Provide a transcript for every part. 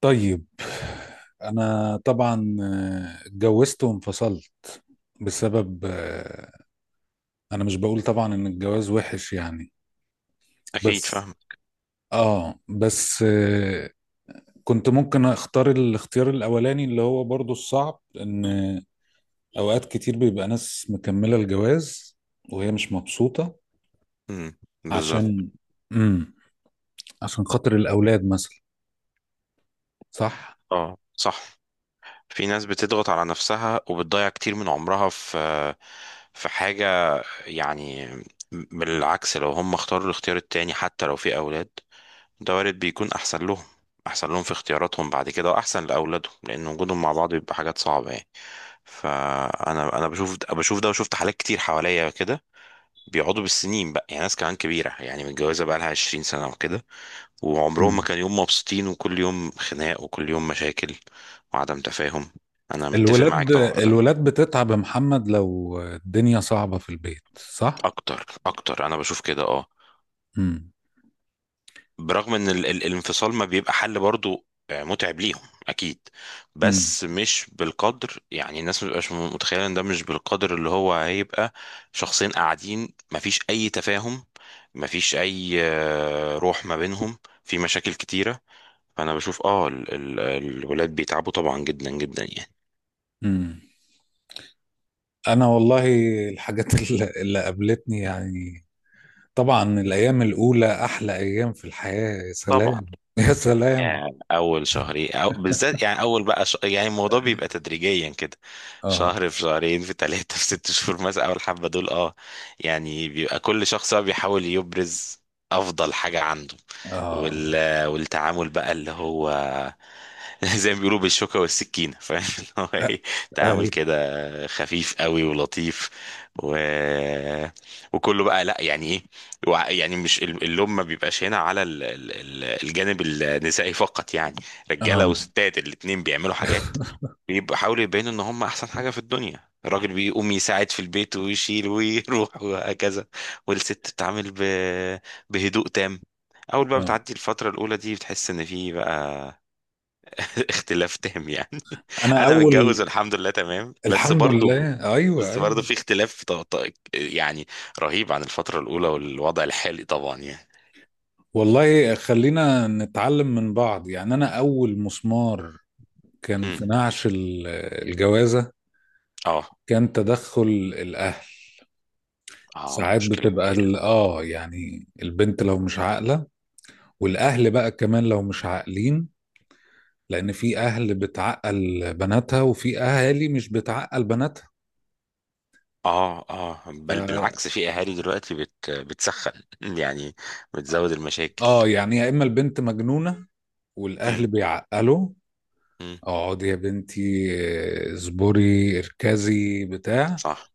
طيب. انا طبعا اتجوزت وانفصلت بسبب انا مش بقول طبعا ان الجواز وحش يعني. أكيد بس فاهم. اه بس آه، كنت ممكن اختار الاختيار الاولاني اللي هو برضو الصعب، ان اوقات كتير بيبقى ناس مكملة الجواز وهي مش مبسوطة. امم. بالظبط. عشان امم عشان خاطر الاولاد مثلا. صح. اه، صح. في ناس بتضغط على نفسها وبتضيع كتير من عمرها في حاجة، يعني. بالعكس، لو هم اختاروا الاختيار التاني، حتى لو في أولاد، ده وارد بيكون أحسن لهم، أحسن لهم في اختياراتهم بعد كده، وأحسن لأولادهم لأن وجودهم مع بعض بيبقى حاجات صعبة يعني. فأنا بشوف ده، وشفت حالات كتير حواليا كده بيقعدوا بالسنين بقى. يعني ناس كمان كبيرة، يعني متجوزة بقى لها 20 سنة وكده، وعمرهم ما مم. كان يوم مبسوطين، وكل يوم خناق وكل يوم مشاكل وعدم تفاهم. انا متفق معاك الولاد طبعا في ده. الولاد بتتعب يا محمد لو الدنيا صعبة في البيت، صح؟ اكتر اكتر، انا بشوف كده، اه. امم. برغم ان ال ال الانفصال ما بيبقى حل برضو، متعب ليهم، اكيد. امم. بس مش بالقدر، يعني الناس مش متخيله ان ده مش بالقدر اللي هو هيبقى. شخصين قاعدين مفيش اي تفاهم، مفيش اي روح ما بينهم، في مشاكل كتيره. فانا بشوف اه ال ال الولاد بيتعبوا طبعا جدا جدا يعني. امم. انا والله الحاجات اللي قابلتني يعني. طبعا الايام الاولى احلى ايام في الحياة، يا سلام طبعا. يا سلام. يعني اول شهرين، أو بالذات يعني اول بقى يعني الموضوع بيبقى تدريجيا كده. اه. شهر، في شهرين، في ثلاثة، في 6 شهور مثلا، اول حبة دول اه. يعني بيبقى كل شخص بقى بيحاول يبرز افضل حاجة عنده. اه. والتعامل بقى اللي هو زي ما بيقولوا بالشوكة والسكينة فاهم اللي هو ايه. تعامل اي. كده خفيف قوي ولطيف. و... وكله بقى لا يعني ايه. يعني مش اللوم ما بيبقاش هنا على الجانب النسائي فقط يعني. رجاله اه. وستات الاتنين بيعملوا حاجات، بيحاولوا يبينوا ان هم احسن حاجه في الدنيا. الراجل بيقوم يساعد في البيت ويشيل ويروح وهكذا. والست بتتعامل بهدوء تام. اول بقى اه. بتعدي الفتره الاولى دي، بتحس ان في بقى اختلاف تام يعني. انا انا اول متجوز الحمد لله تمام، بس الحمد برضو لله، ايوه، بس ايوه. برضو في اختلاف يعني رهيب عن الفتره الاولى والوضع الحالي طبعا يعني. والله خلينا نتعلم من بعض يعني. انا اول مسمار كان مم. في نعش الجوازة. اه، كان تدخل الأهل. اه، ساعات مشكلة بتبقى كبيرة. يعني البنت لو مش عاقلة، والأهل بقى كمان لو مش عاقلين، لأن في أهل بتعقل بناتها وفي أهالي مش بتعقل بناتها. اه، اه، بل ف بالعكس في اهالي دلوقتي بتسخن يعني، بتزود المشاكل. اه يعني يا إما البنت مجنونة والأهل مم. بيعقلوا، مم. اقعدي يا بنتي اصبري، اركزي، بتاع. صح.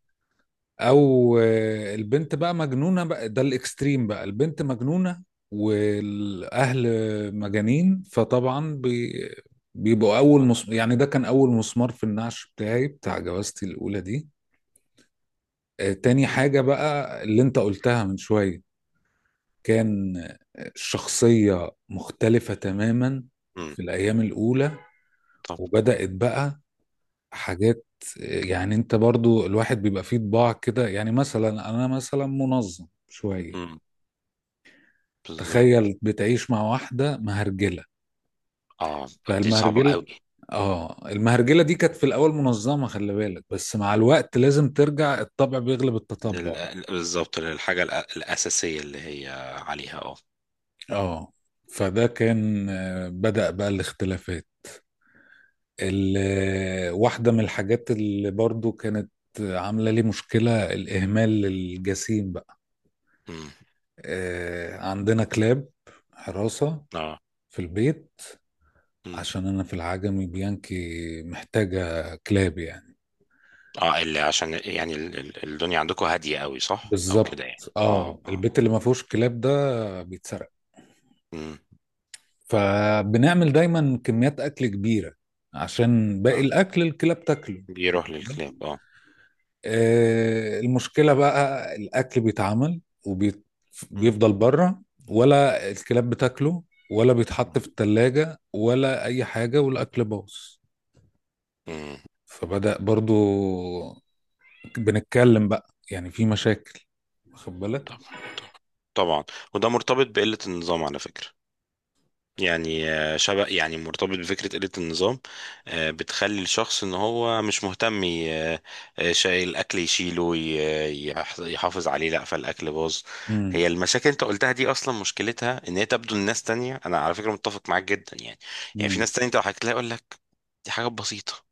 او البنت بقى مجنونه، بقى ده الاكستريم بقى، البنت مجنونه والاهل مجانين. فطبعا بيبقوا اول يعني ده كان اول مسمار في النعش بتاعي، بتاع جوازتي الاولى دي. تاني حاجه بقى اللي انت قلتها من شويه، كان الشخصيه مختلفه تماما مم. في الايام الاولى. طب. وبدات بقى حاجات، يعني انت برضو الواحد بيبقى فيه طباع كده، يعني مثلا انا مثلا منظم شوية. مم. بالظبط. تخيل بتعيش مع واحدة مهرجلة. اه، دي صعبة فالمهرجلة قوي. اه المهرجلة دي كانت في الأول منظمة، خلي بالك، بس مع الوقت لازم ترجع، الطبع بيغلب التطبع بقى. بالظبط، للحاجة الأساسية اللي هي عليها اه. اه. فده كان آه، بدأ بقى الاختلافات. واحدة من الحاجات اللي برضو كانت عاملة لي مشكلة، الإهمال الجسيم بقى. مم. عندنا كلاب حراسة اه. في البيت، مم. عشان أنا في العجمي بيانكي محتاجة كلاب يعني. اه، اللي عشان يعني الدنيا عندكم هادية قوي صح او بالظبط. كده يعني، اه اه اه. البيت اللي ما فيهوش كلاب ده بيتسرق. مم. فبنعمل دايما كميات اكل كبيره، عشان باقي اه، الاكل الكلاب تاكله. بيروح واخد للكلاب، بالك؟ اه. المشكله بقى، الاكل بيتعمل مم. وبيفضل بره، ولا الكلاب بتاكله، ولا بيتحط مم. في التلاجة ولا اي حاجه، والاكل باظ. مم. فبدأ برضو بنتكلم بقى، يعني في مشاكل. واخد بالك؟ طب. طبعا. وده مرتبط بقلة النظام على فكرة، يعني شبه يعني مرتبط بفكرة قلة النظام. بتخلي الشخص ان هو مش مهتم شايل الاكل، يشيله يحافظ عليه، لا فالاكل باظ. امم. هي المشاكل اللي انت قلتها دي، اصلا مشكلتها ان هي تبدو لناس تانية. انا على فكرة متفق معاك جدا يعني. يعني في امم. ناس تانية انت لو حكيت لها يقول لك دي حاجات بسيطة،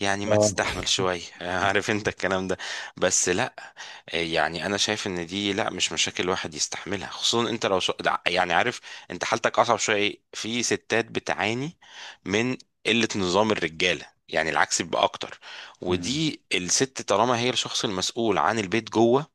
يعني ما اه. تستحمل شوية عارف انت الكلام ده. بس لا، يعني انا شايف ان دي لا، مش مشاكل الواحد يستحملها. خصوصا انت لو يعني، عارف انت حالتك اصعب شوية. ايه؟ في ستات بتعاني من قلة نظام الرجالة، يعني العكس بيبقى اكتر. ودي الست طالما هي الشخص المسؤول عن البيت جوه،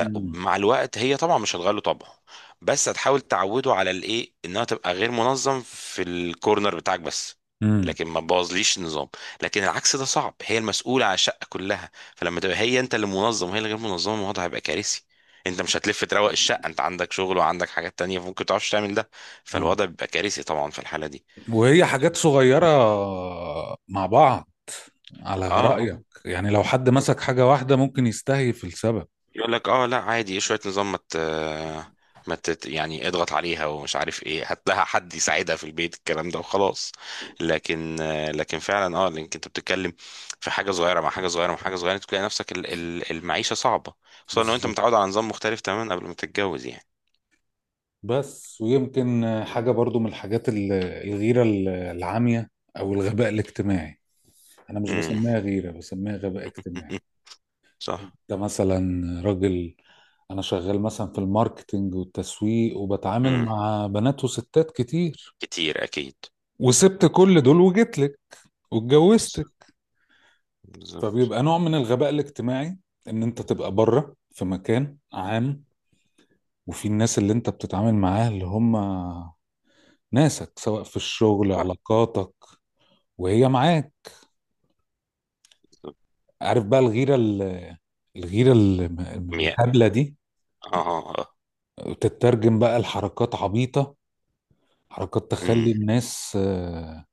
امم. الوقت هي طبعا مش هتغير له طبعه، بس هتحاول تعوده على الايه، انها تبقى غير منظم في الكورنر بتاعك بس، امم. لكن ما تبوظليش النظام. لكن العكس ده صعب، هي المسؤولة على الشقة كلها، فلما تبقى هي انت اللي منظم وهي اللي غير منظمة، الموضوع هيبقى كارثي. انت مش هتلف تروق الشقة، انت عندك شغل وعندك حاجات تانية، فممكن متعرفش تعمل ده. اه. فالوضع بيبقى كارثي طبعا في الحالة دي. وهي حاجات صغيرة مع بعض، على اه، رأيك يعني، لو حد آه. مسك حاجة واحدة ممكن يستهيف السبب. يقول لك اه لا عادي، شويه نظام، ما مت... ما تت... يعني اضغط عليها ومش عارف ايه، هات لها حد يساعدها في البيت، الكلام ده وخلاص. لكن لكن فعلا اه لانك انت بتتكلم في حاجه صغيره مع حاجه صغيره مع حاجه صغيره، تلاقي نفسك المعيشه صعبه. خصوصا لو انت بالظبط. متعود على نظام مختلف تماما قبل ما تتجوز يعني. بس ويمكن حاجة برضو من الحاجات الغيرة العامية، أو الغباء الاجتماعي. أنا مش امم. بسميها غيرة، بسميها غباء اجتماعي. أنت صح. مثلا راجل، أنا شغال مثلا في الماركتينج والتسويق، وبتعامل امم. مع بنات وستات كتير، كتير اكيد. وسبت كل دول وجيت لك، واتجوزت. بالظبط. بالظبط. فبيبقى نوع من الغباء الاجتماعي، ان انت تبقى بره في مكان عام، وفي الناس اللي انت بتتعامل معاها اللي هم ناسك، سواء في الشغل، صح. علاقاتك، وهي معاك. بالظبط. عارف بقى الغيرة الغيرة مية. الهبلة دي، اه، آه، آه. تترجم بقى لحركات عبيطة، حركات امم. تخلي الناس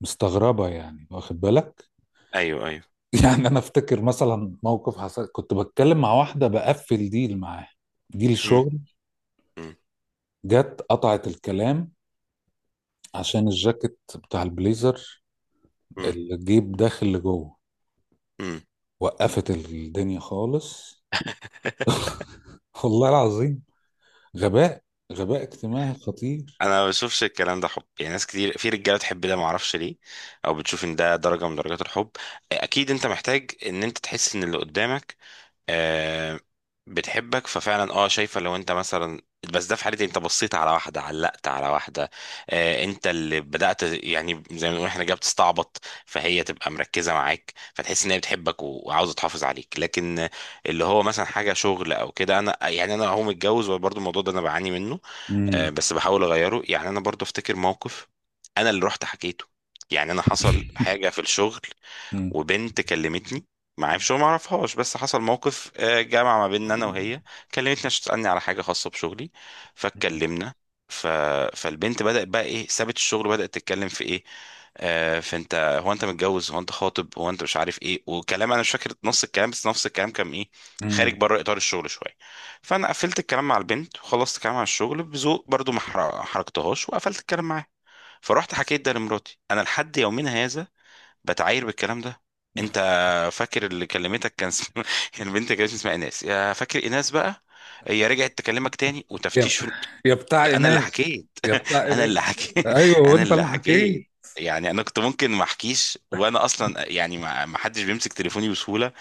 مستغربة يعني، واخد بالك؟ ايوه، ايوه. يعني انا افتكر مثلا موقف حصل، كنت بتكلم مع واحدة بقفل ديل معاها، ديل امم. شغل. امم. جت قطعت الكلام عشان الجاكيت بتاع البليزر، الجيب داخل لجوه. امم. وقفت الدنيا خالص. والله العظيم. غباء. غباء اجتماعي خطير. انا ما بشوفش الكلام ده حب، يعني ناس كتير في رجاله تحب ده، ما اعرفش ليه، او بتشوف ان ده درجه من درجات الحب. اكيد انت محتاج ان انت تحس ان اللي قدامك آه بتحبك، ففعلا اه شايفه لو انت مثلا. بس ده في حالتي، انت بصيت على واحده، علقت على واحده، انت اللي بدات يعني، زي ما بنقول احنا جاي بتستعبط. فهي تبقى مركزه معاك، فتحس ان هي بتحبك و- وعاوزه تحافظ عليك. لكن اللي هو مثلا حاجه شغل او كده، انا يعني انا هو متجوز وبرضه الموضوع ده انا بعاني منه. امم. بس بحاول اغيره يعني. انا برضو افتكر موقف انا اللي رحت حكيته، يعني انا حصل حاجه في الشغل امم. وبنت كلمتني، معايا في شغل ما اعرفهاش، بس حصل موقف جمع ما بيننا انا وهي، كلمتني عشان تسالني على حاجه خاصه بشغلي، فاتكلمنا. ف... فالبنت بدات بقى ايه، سابت الشغل وبدات تتكلم في ايه. فانت، هو انت متجوز، هو انت خاطب، هو انت مش عارف ايه وكلام، انا مش فاكر نص الكلام، بس نفس الكلام كان ايه خارج امم. بره اطار الشغل شويه. فانا قفلت الكلام مع البنت وخلصت الكلام على الشغل بذوق برضو، ما حركتهاش، وقفلت الكلام معاها. فرحت حكيت ده لمراتي انا، لحد يومنا هذا بتعاير بالكلام ده. انت فاكر اللي كلمتك كان البنت كانت اسمها ايناس، يا فاكر ايناس بقى، هي رجعت تكلمك تاني يا وتفتيش يا بتاع انا اللي ناس، حكيت. يا بتاع انا اللي إناث. حكيت ايوه، انا وانت اللي اللي حكيت. حكيت. يعني انا كنت ممكن ما احكيش، وانا اصلا يعني ما حدش بيمسك تليفوني بسهوله.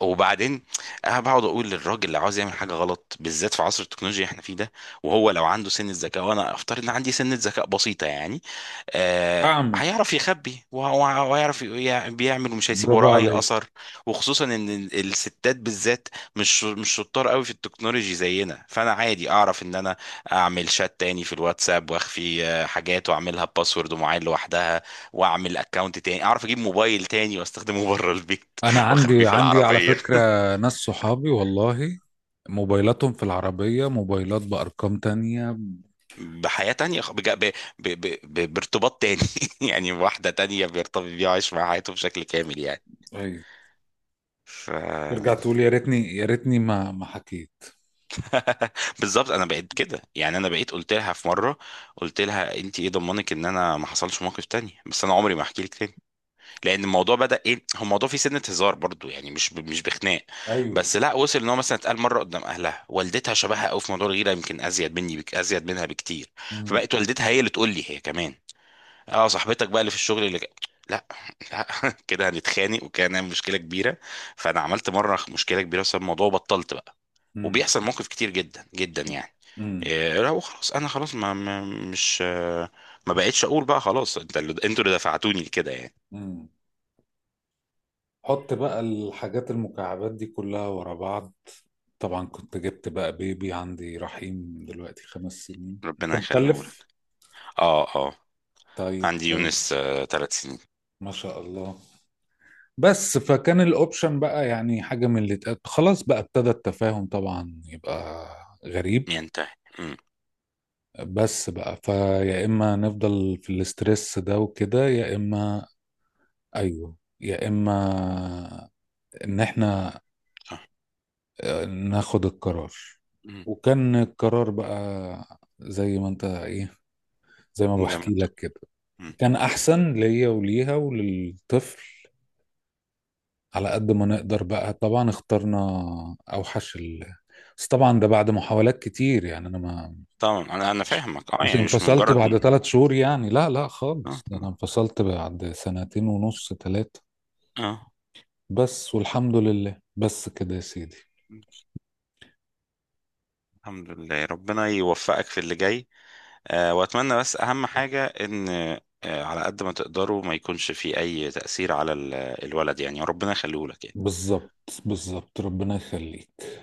وبعدين انا بقعد اقول للراجل اللي عاوز يعمل حاجه غلط، بالذات في عصر التكنولوجيا اللي احنا فيه ده، وهو لو عنده سنه ذكاء، وانا افترض ان عندي سنه ذكاء بسيطه يعني، اعمل هيعرف يخبي، وهيعرف بيعمل ومش هيسيب برافو وراه اي عليك. اثر. وخصوصا ان الستات بالذات مش شطار قوي في التكنولوجي زينا. فانا عادي اعرف ان انا اعمل شات تاني في الواتساب، واخفي حاجات، واعملها باسورد ومعين لوحدها، واعمل اكونت تاني، اعرف اجيب موبايل تاني واستخدمه بره البيت انا واخبيه عندي في عندي على العربية، فكره، ناس صحابي والله موبايلاتهم في العربيه، موبايلات بارقام تانية. بحياة تانية، بارتباط تاني. يعني واحدة تانية بيرتبط بيها وعايش مع حياته بشكل كامل يعني. أيوة. ف ترجع تقول يا ريتني، يا ريتني ما حكيت. بالظبط. انا بقيت كده يعني، انا بقيت قلت لها في مره، قلت لها انت ايه ضمنك ان انا ما حصلش موقف تاني، بس انا عمري ما احكي لك تاني، لان الموضوع بدا ايه، هو الموضوع فيه سنه هزار برضو يعني، مش بخناق. ايوه. بس لا، وصل ان هو مثلا اتقال مره قدام اهلها، والدتها شبهها قوي في موضوع الغيره، يمكن ازيد مني، بك ازيد منها بكتير. مم. فبقت والدتها هي اللي تقول لي هي كمان اه، صاحبتك بقى اللي في الشغل لا، لا، كده هنتخانق وكان هنعمل مشكله كبيره. فانا عملت مره مشكله كبيره بسبب الموضوع وبطلت بقى. مم. وبيحصل موقف كتير جدا جدا يعني. مم. إيه لا، وخلاص انا خلاص ما ما- مش آه، ما بقتش اقول بقى خلاص، انتوا اللي دفعتوني لكده يعني. مم. حط بقى الحاجات المكعبات دي كلها ورا بعض. طبعا كنت جبت بقى بيبي، عندي رحيم دلوقتي 5 سنين، انت ربنا يخليه. مخلف؟ اه، اه. طيب، عندي كويس. يونس 3 سنين. ما شاء الله. بس فكان الاوبشن بقى، يعني حاجة من اللي اتقال خلاص بقى، ابتدى التفاهم طبعا يبقى غريب. ينتهي. امم. بس بقى فيا، اما نفضل في الاسترس ده وكده، يا اما. ايوه. يا اما ان احنا صح. ناخد القرار. امم. وكان القرار بقى، زي ما زي ما بحكي انت. لك كده، امم. كان احسن ليا وليها وللطفل، على قد ما نقدر بقى. طبعا اخترنا اوحش بس طبعا ده بعد محاولات كتير، يعني انا ما طبعا انا مش فاهمك اه، مش يعني مش انفصلت مجرد اه، بعد 3 شهور، يعني لا لا اه، خالص. ده انا آه. انفصلت بعد سنتين ونص، ثلاثة. آه. بس والحمد لله، بس كده يا سيدي. الحمد لله، ربنا يوفقك في اللي جاي. واتمنى بس اهم حاجة ان على قد ما تقدروا ما يكونش في اي تأثير على الولد يعني، ربنا يخليه لك يعني. بالظبط، بالظبط، ربنا يخليك.